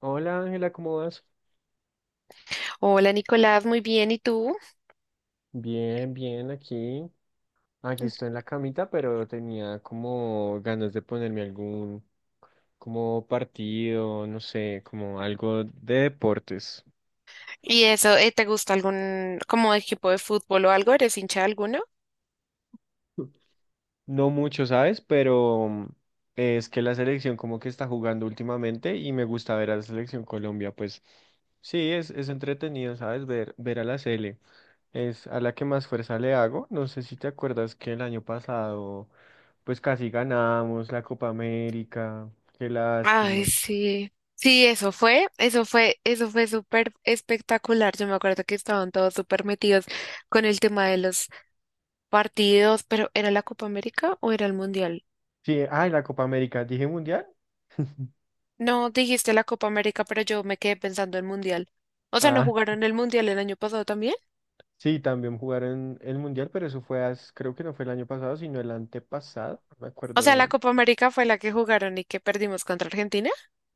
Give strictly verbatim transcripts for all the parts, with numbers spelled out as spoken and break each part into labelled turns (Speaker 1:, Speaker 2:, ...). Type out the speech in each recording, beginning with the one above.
Speaker 1: Hola Ángela, ¿cómo vas?
Speaker 2: Hola Nicolás, muy bien, ¿y tú?
Speaker 1: Bien, bien, aquí. Aquí estoy en la camita, pero tenía como ganas de ponerme algún como partido, no sé, como algo de deportes.
Speaker 2: ¿Y eso, eh, te gusta algún como equipo de fútbol o algo? ¿Eres hincha de alguno?
Speaker 1: No mucho, ¿sabes? Pero es que la selección como que está jugando últimamente y me gusta ver a la selección Colombia, pues sí, es, es entretenido, ¿sabes? Ver, ver a la sele. Es a la que más fuerza le hago. No sé si te acuerdas que el año pasado, pues casi ganamos la Copa América. Qué
Speaker 2: Ay,
Speaker 1: lástima.
Speaker 2: sí. Sí, eso fue, eso fue, eso fue súper espectacular. Yo me acuerdo que estaban todos súper metidos con el tema de los partidos, pero ¿era la Copa América o era el Mundial?
Speaker 1: Sí, ay, la Copa América, dije mundial.
Speaker 2: No, dijiste la Copa América, pero yo me quedé pensando en Mundial. O sea, ¿no
Speaker 1: Ah,
Speaker 2: jugaron el Mundial el año pasado también?
Speaker 1: sí, también jugaron el mundial, pero eso fue, as- creo que no fue el año pasado, sino el antepasado, no me
Speaker 2: O
Speaker 1: acuerdo
Speaker 2: sea, la
Speaker 1: bien.
Speaker 2: Copa América fue la que jugaron y que perdimos contra Argentina.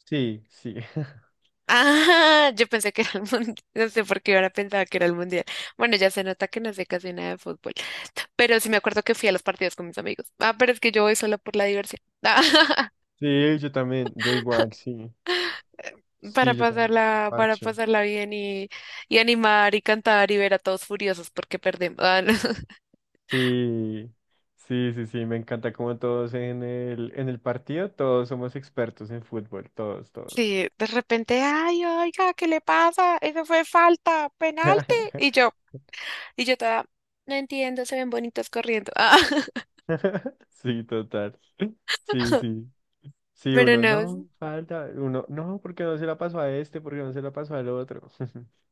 Speaker 1: Sí, sí.
Speaker 2: Ah, yo pensé que era el mundial, no sé por qué ahora pensaba que era el mundial. Bueno, ya se nota que no sé casi nada de fútbol, pero sí me acuerdo que fui a los partidos con mis amigos. Ah, pero es que yo voy solo por la diversión,
Speaker 1: Sí, yo también, yo igual, sí.
Speaker 2: para
Speaker 1: Sí, yo también.
Speaker 2: pasarla, para
Speaker 1: Parche.
Speaker 2: pasarla bien y, y animar y cantar y ver a todos furiosos porque perdemos. Ah, no.
Speaker 1: Sí, sí, sí, sí, me encanta como todos en el, en el partido, todos somos expertos en fútbol, todos, todos.
Speaker 2: Sí, de repente, ay, oiga, ¿qué le pasa? Eso fue falta, penalti. Y yo, y yo toda, no entiendo, se ven bonitos corriendo. Ah,
Speaker 1: Sí, total. Sí, sí. Sí,
Speaker 2: pero
Speaker 1: uno,
Speaker 2: no.
Speaker 1: no, falta, uno, no, porque no se la pasó a este, porque no se la pasó al otro.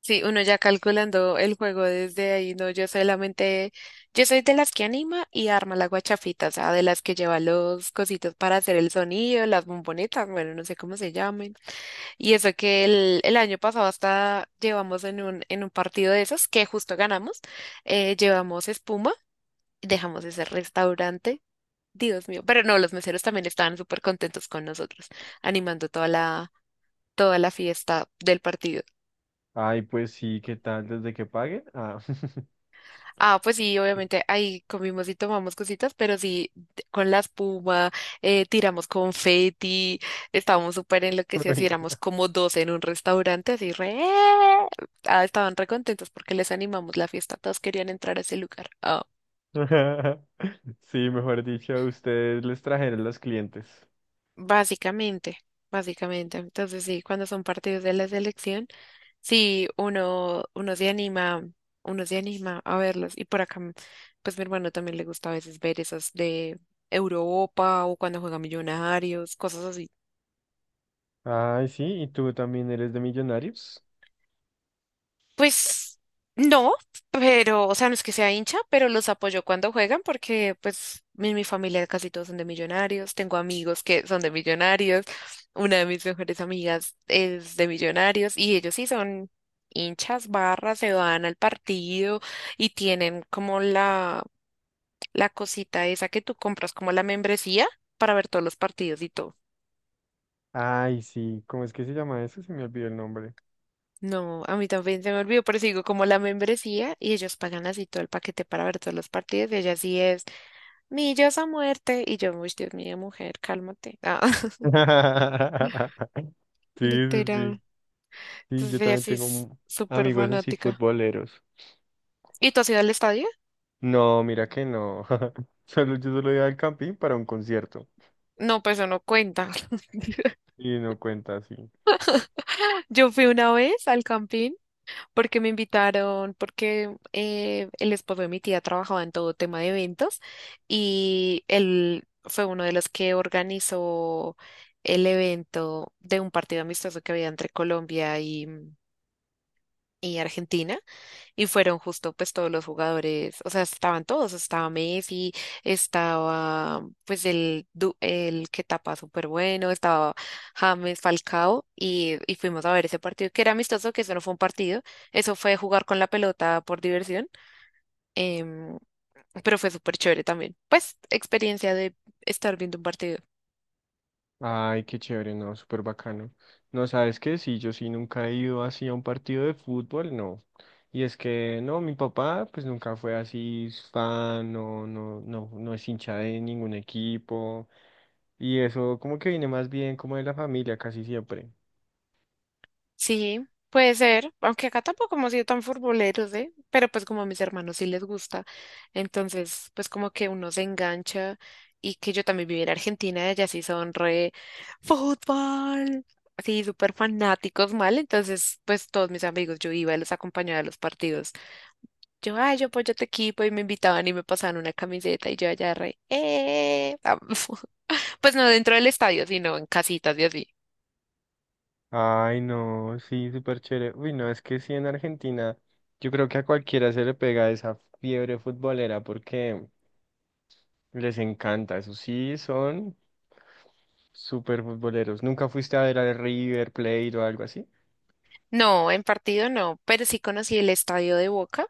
Speaker 2: Sí, uno ya calculando el juego desde ahí, no, yo solamente, yo soy de las que anima y arma la guachafita, o sea, de las que lleva los cositos para hacer el sonido, las bombonetas, bueno, no sé cómo se llamen. Y eso que el, el año pasado hasta llevamos en un, en un partido de esos que justo ganamos, eh, llevamos espuma y dejamos ese restaurante, Dios mío, pero no, los meseros también estaban súper contentos con nosotros, animando toda la, toda la fiesta del partido.
Speaker 1: Ay, pues sí, ¿qué tal desde que paguen? Ah.
Speaker 2: Ah, pues sí, obviamente ahí comimos y tomamos cositas, pero sí, t- con la espuma, eh, tiramos confeti, estábamos súper enloquecidos y
Speaker 1: Uy.
Speaker 2: éramos como doce en un restaurante, así re... Ah, estaban re contentos porque les animamos la fiesta, todos querían entrar a ese lugar. Ah,
Speaker 1: Sí, mejor dicho, ustedes les trajeron los clientes.
Speaker 2: básicamente, básicamente. Entonces sí, cuando son partidos de la selección. Sí, uno, uno se anima, uno se anima a verlos. Y por acá, pues mi hermano también le gusta a veces ver esas de Europa o cuando juega Millonarios, cosas así.
Speaker 1: Ay, sí, ¿y tú también eres de millonarios?
Speaker 2: Pues no, pero, o sea, no es que sea hincha, pero los apoyo cuando juegan porque pues mi, mi familia casi todos son de Millonarios, tengo amigos que son de Millonarios, una de mis mejores amigas es de Millonarios y ellos sí son hinchas, barras, se van al partido y tienen como la la cosita esa que tú compras, como la membresía, para ver todos los partidos y todo.
Speaker 1: Ay, sí, ¿cómo es que se llama eso? Se me olvidó el nombre.
Speaker 2: No, a mí también se me olvidó, pero sigo como la membresía y ellos pagan así todo el paquete para ver todos los partidos y ella sí es millas a muerte y yo, uy, Dios mío, mujer, cálmate. Ah,
Speaker 1: Sí, sí, sí.
Speaker 2: literal.
Speaker 1: Sí, yo
Speaker 2: Entonces ella
Speaker 1: también
Speaker 2: sí
Speaker 1: tengo
Speaker 2: es
Speaker 1: mu-
Speaker 2: súper
Speaker 1: amigos así
Speaker 2: fanática.
Speaker 1: futboleros.
Speaker 2: ¿Y tú has ido al estadio?
Speaker 1: No, mira que no. Solo yo solo iba al camping para un concierto.
Speaker 2: No, pues eso no cuenta.
Speaker 1: Y no cuenta así.
Speaker 2: Yo fui una vez al Campín porque me invitaron, porque eh, el esposo de mi tía trabajaba en todo tema de eventos y él fue uno de los que organizó el evento de un partido amistoso que había entre Colombia y, y Argentina. Y fueron justo pues todos los jugadores, o sea, estaban todos, estaba Messi, estaba pues el, du- el que tapa súper bueno, estaba James Falcao y, y fuimos a ver ese partido que era amistoso, que eso no fue un partido, eso fue jugar con la pelota por diversión, em, pero fue súper chévere también. Pues experiencia de estar viendo un partido.
Speaker 1: Ay, qué chévere, no, súper bacano. No, ¿sabes qué? Sí, yo sí nunca he ido así a un partido de fútbol, no. Y es que, no, mi papá pues nunca fue así fan, no, no, no, no es hincha de ningún equipo. Y eso como que viene más bien como de la familia casi siempre.
Speaker 2: Sí, puede ser, aunque acá tampoco hemos sido tan futboleros, ¿eh? Pero pues como a mis hermanos sí les gusta, entonces pues como que uno se engancha y que yo también viví en Argentina, ellas sí son re fútbol, así súper fanáticos mal, entonces pues todos mis amigos, yo iba y los acompañaba a los partidos. Yo, ay, yo apoyo a tu equipo y me invitaban y me pasaban una camiseta y yo allá re, eh, pues no dentro del estadio, sino en casitas y así.
Speaker 1: Ay, no, sí, súper chévere. Uy, no, es que sí en Argentina yo creo que a cualquiera se le pega esa fiebre futbolera porque les encanta. Eso sí, son súper futboleros. ¿Nunca fuiste a ver al River Plate o algo así?
Speaker 2: No, en partido no, pero sí conocí el estadio de Boca,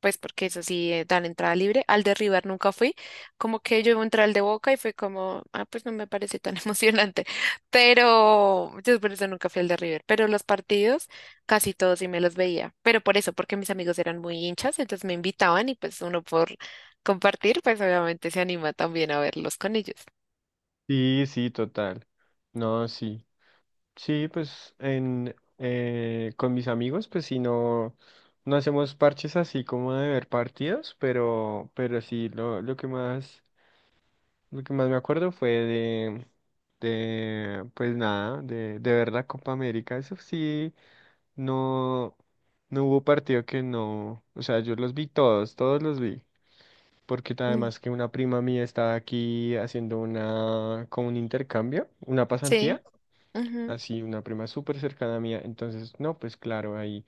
Speaker 2: pues porque eso sí eh, dan entrada libre. Al de River nunca fui, como que yo entré al de Boca y fue como, ah, pues no me parece tan emocionante, pero yo por eso nunca fui al de River, pero los partidos casi todos sí me los veía, pero por eso, porque mis amigos eran muy hinchas, entonces me invitaban y pues uno por compartir, pues obviamente se anima también a verlos con ellos.
Speaker 1: Sí, sí, total. No, sí. Sí, pues en eh, con mis amigos, pues si no, no hacemos parches así como de ver partidos, pero, pero sí lo, lo que más, lo que más me acuerdo fue de, de pues nada, de, de ver la Copa América. Eso sí, no, no hubo partido que no, o sea, yo los vi todos, todos los vi. Porque
Speaker 2: Mm,
Speaker 1: además que una prima mía estaba aquí haciendo una, como un intercambio, una
Speaker 2: sí.
Speaker 1: pasantía así, una prima súper cercana mía. Entonces, no, pues claro, ahí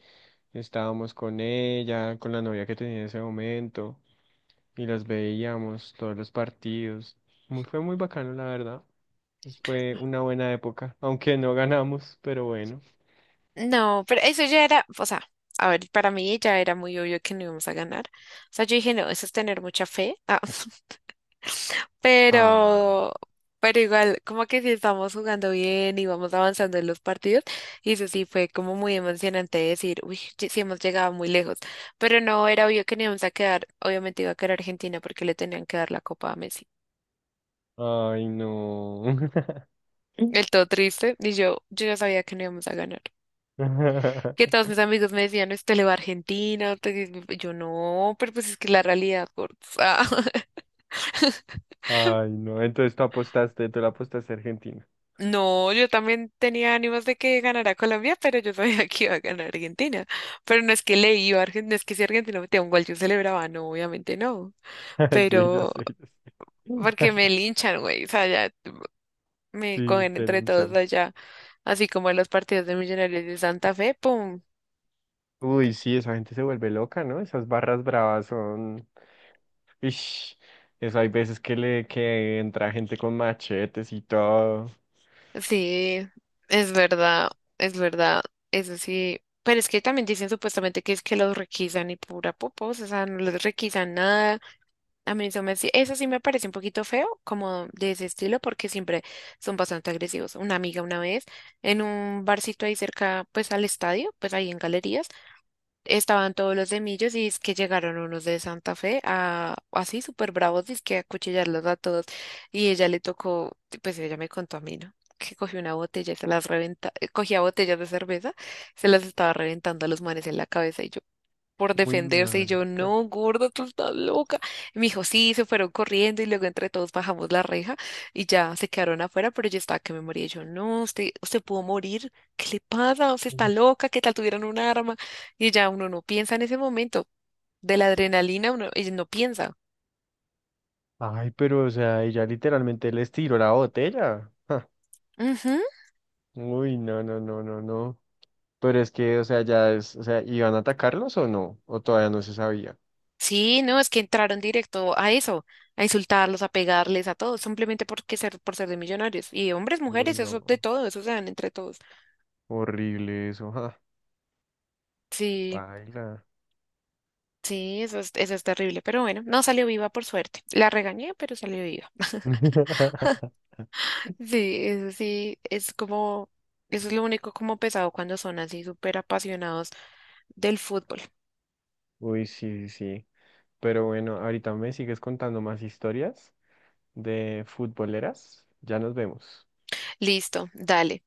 Speaker 1: estábamos con ella, con la novia que tenía en ese momento, y las veíamos todos los partidos. Muy, fue muy bacano, la verdad. Pues fue una buena época, aunque no ganamos, pero bueno.
Speaker 2: No, pero eso ya era, o sea, a ver, para mí ya era muy obvio que no íbamos a ganar. O sea, yo dije, no, eso es tener mucha fe. Ah,
Speaker 1: Ah,
Speaker 2: pero, pero igual, como que sí estamos jugando bien y vamos avanzando en los partidos. Y eso sí fue como muy emocionante decir, uy, ye- sí hemos llegado muy lejos. Pero no era obvio que no íbamos a quedar, obviamente iba a quedar Argentina porque le tenían que dar la copa a Messi.
Speaker 1: ay, no.
Speaker 2: El todo triste, y yo, yo ya sabía que no íbamos a ganar. Que todos mis amigos me decían, usted le va a Argentina, usted que-". Yo no, pero pues es que la realidad, gordos". Ah,
Speaker 1: Ay, no. Entonces tú apostaste, tú la apostaste a Argentina.
Speaker 2: No, yo también tenía ánimos de que ganara Colombia, pero yo sabía que iba a ganar Argentina. Pero no es que le iba a Argentina, no es que si Argentina metía un gol yo celebraba, no, obviamente no.
Speaker 1: Sí, yo sé, yo
Speaker 2: Pero
Speaker 1: sé.
Speaker 2: porque me linchan, güey, o sea, ya me
Speaker 1: Sí,
Speaker 2: cogen
Speaker 1: te
Speaker 2: entre todos
Speaker 1: linchan.
Speaker 2: allá, así como en los partidos de Millonarios de Santa Fe, pum.
Speaker 1: Uy, sí, esa gente se vuelve loca, ¿no? Esas barras bravas son... Ish, eso hay veces que le que entra gente con machetes y todo.
Speaker 2: Sí, es verdad, es verdad, eso sí. Pero es que también dicen supuestamente que es que los requisan y pura popos, o sea, no les requisan nada. A mí eso me, sí- eso sí me parece un poquito feo, como de ese estilo, porque siempre son bastante agresivos. Una amiga una vez, en un barcito ahí cerca, pues al estadio, pues ahí en galerías. Estaban todos los de Millos y es que llegaron unos de Santa Fe a así súper bravos, es que a acuchillarlos a todos. Y ella le tocó, pues ella me contó a mí, ¿no? Que cogió una botella y se las reventa, eh, cogía botellas de cerveza, se las estaba reventando a los manes en la cabeza. Y yo, por
Speaker 1: Uy,
Speaker 2: defenderse y yo,
Speaker 1: manca.
Speaker 2: no, gorda, tú estás loca. Y me dijo, sí, se fueron corriendo y luego entre todos bajamos la reja y ya se quedaron afuera, pero yo estaba que me moría. Y yo, no, usted, usted pudo morir, ¿qué le pasa? Usted está
Speaker 1: Uy.
Speaker 2: loca, ¿qué tal tuvieran un arma? Y ya uno no piensa en ese momento, de la adrenalina uno y no piensa.
Speaker 1: Ay, pero o sea, ella literalmente les tiró la botella. Ja.
Speaker 2: Ujú.
Speaker 1: Uy, no, no, no, no, no. Pero es que, o sea, ya es, o sea, ¿iban a atacarlos o no? O todavía no se sabía.
Speaker 2: Sí, no, es que entraron directo a eso, a insultarlos, a pegarles, a todos, simplemente porque ser, por ser de millonarios. Y hombres,
Speaker 1: Uy,
Speaker 2: mujeres, eso de
Speaker 1: no.
Speaker 2: todo, eso se dan entre todos.
Speaker 1: Horrible eso, ja.
Speaker 2: Sí.
Speaker 1: Baila.
Speaker 2: Sí, eso es, eso es terrible, pero bueno, no salió viva por suerte. La regañé, pero salió viva. Sí, eso sí, es como, eso es lo único como pesado cuando son así súper apasionados del fútbol.
Speaker 1: Uy, sí, sí. Sí. Pero bueno, ahorita me sigues contando más historias de futboleras. Ya nos vemos.
Speaker 2: Listo, dale.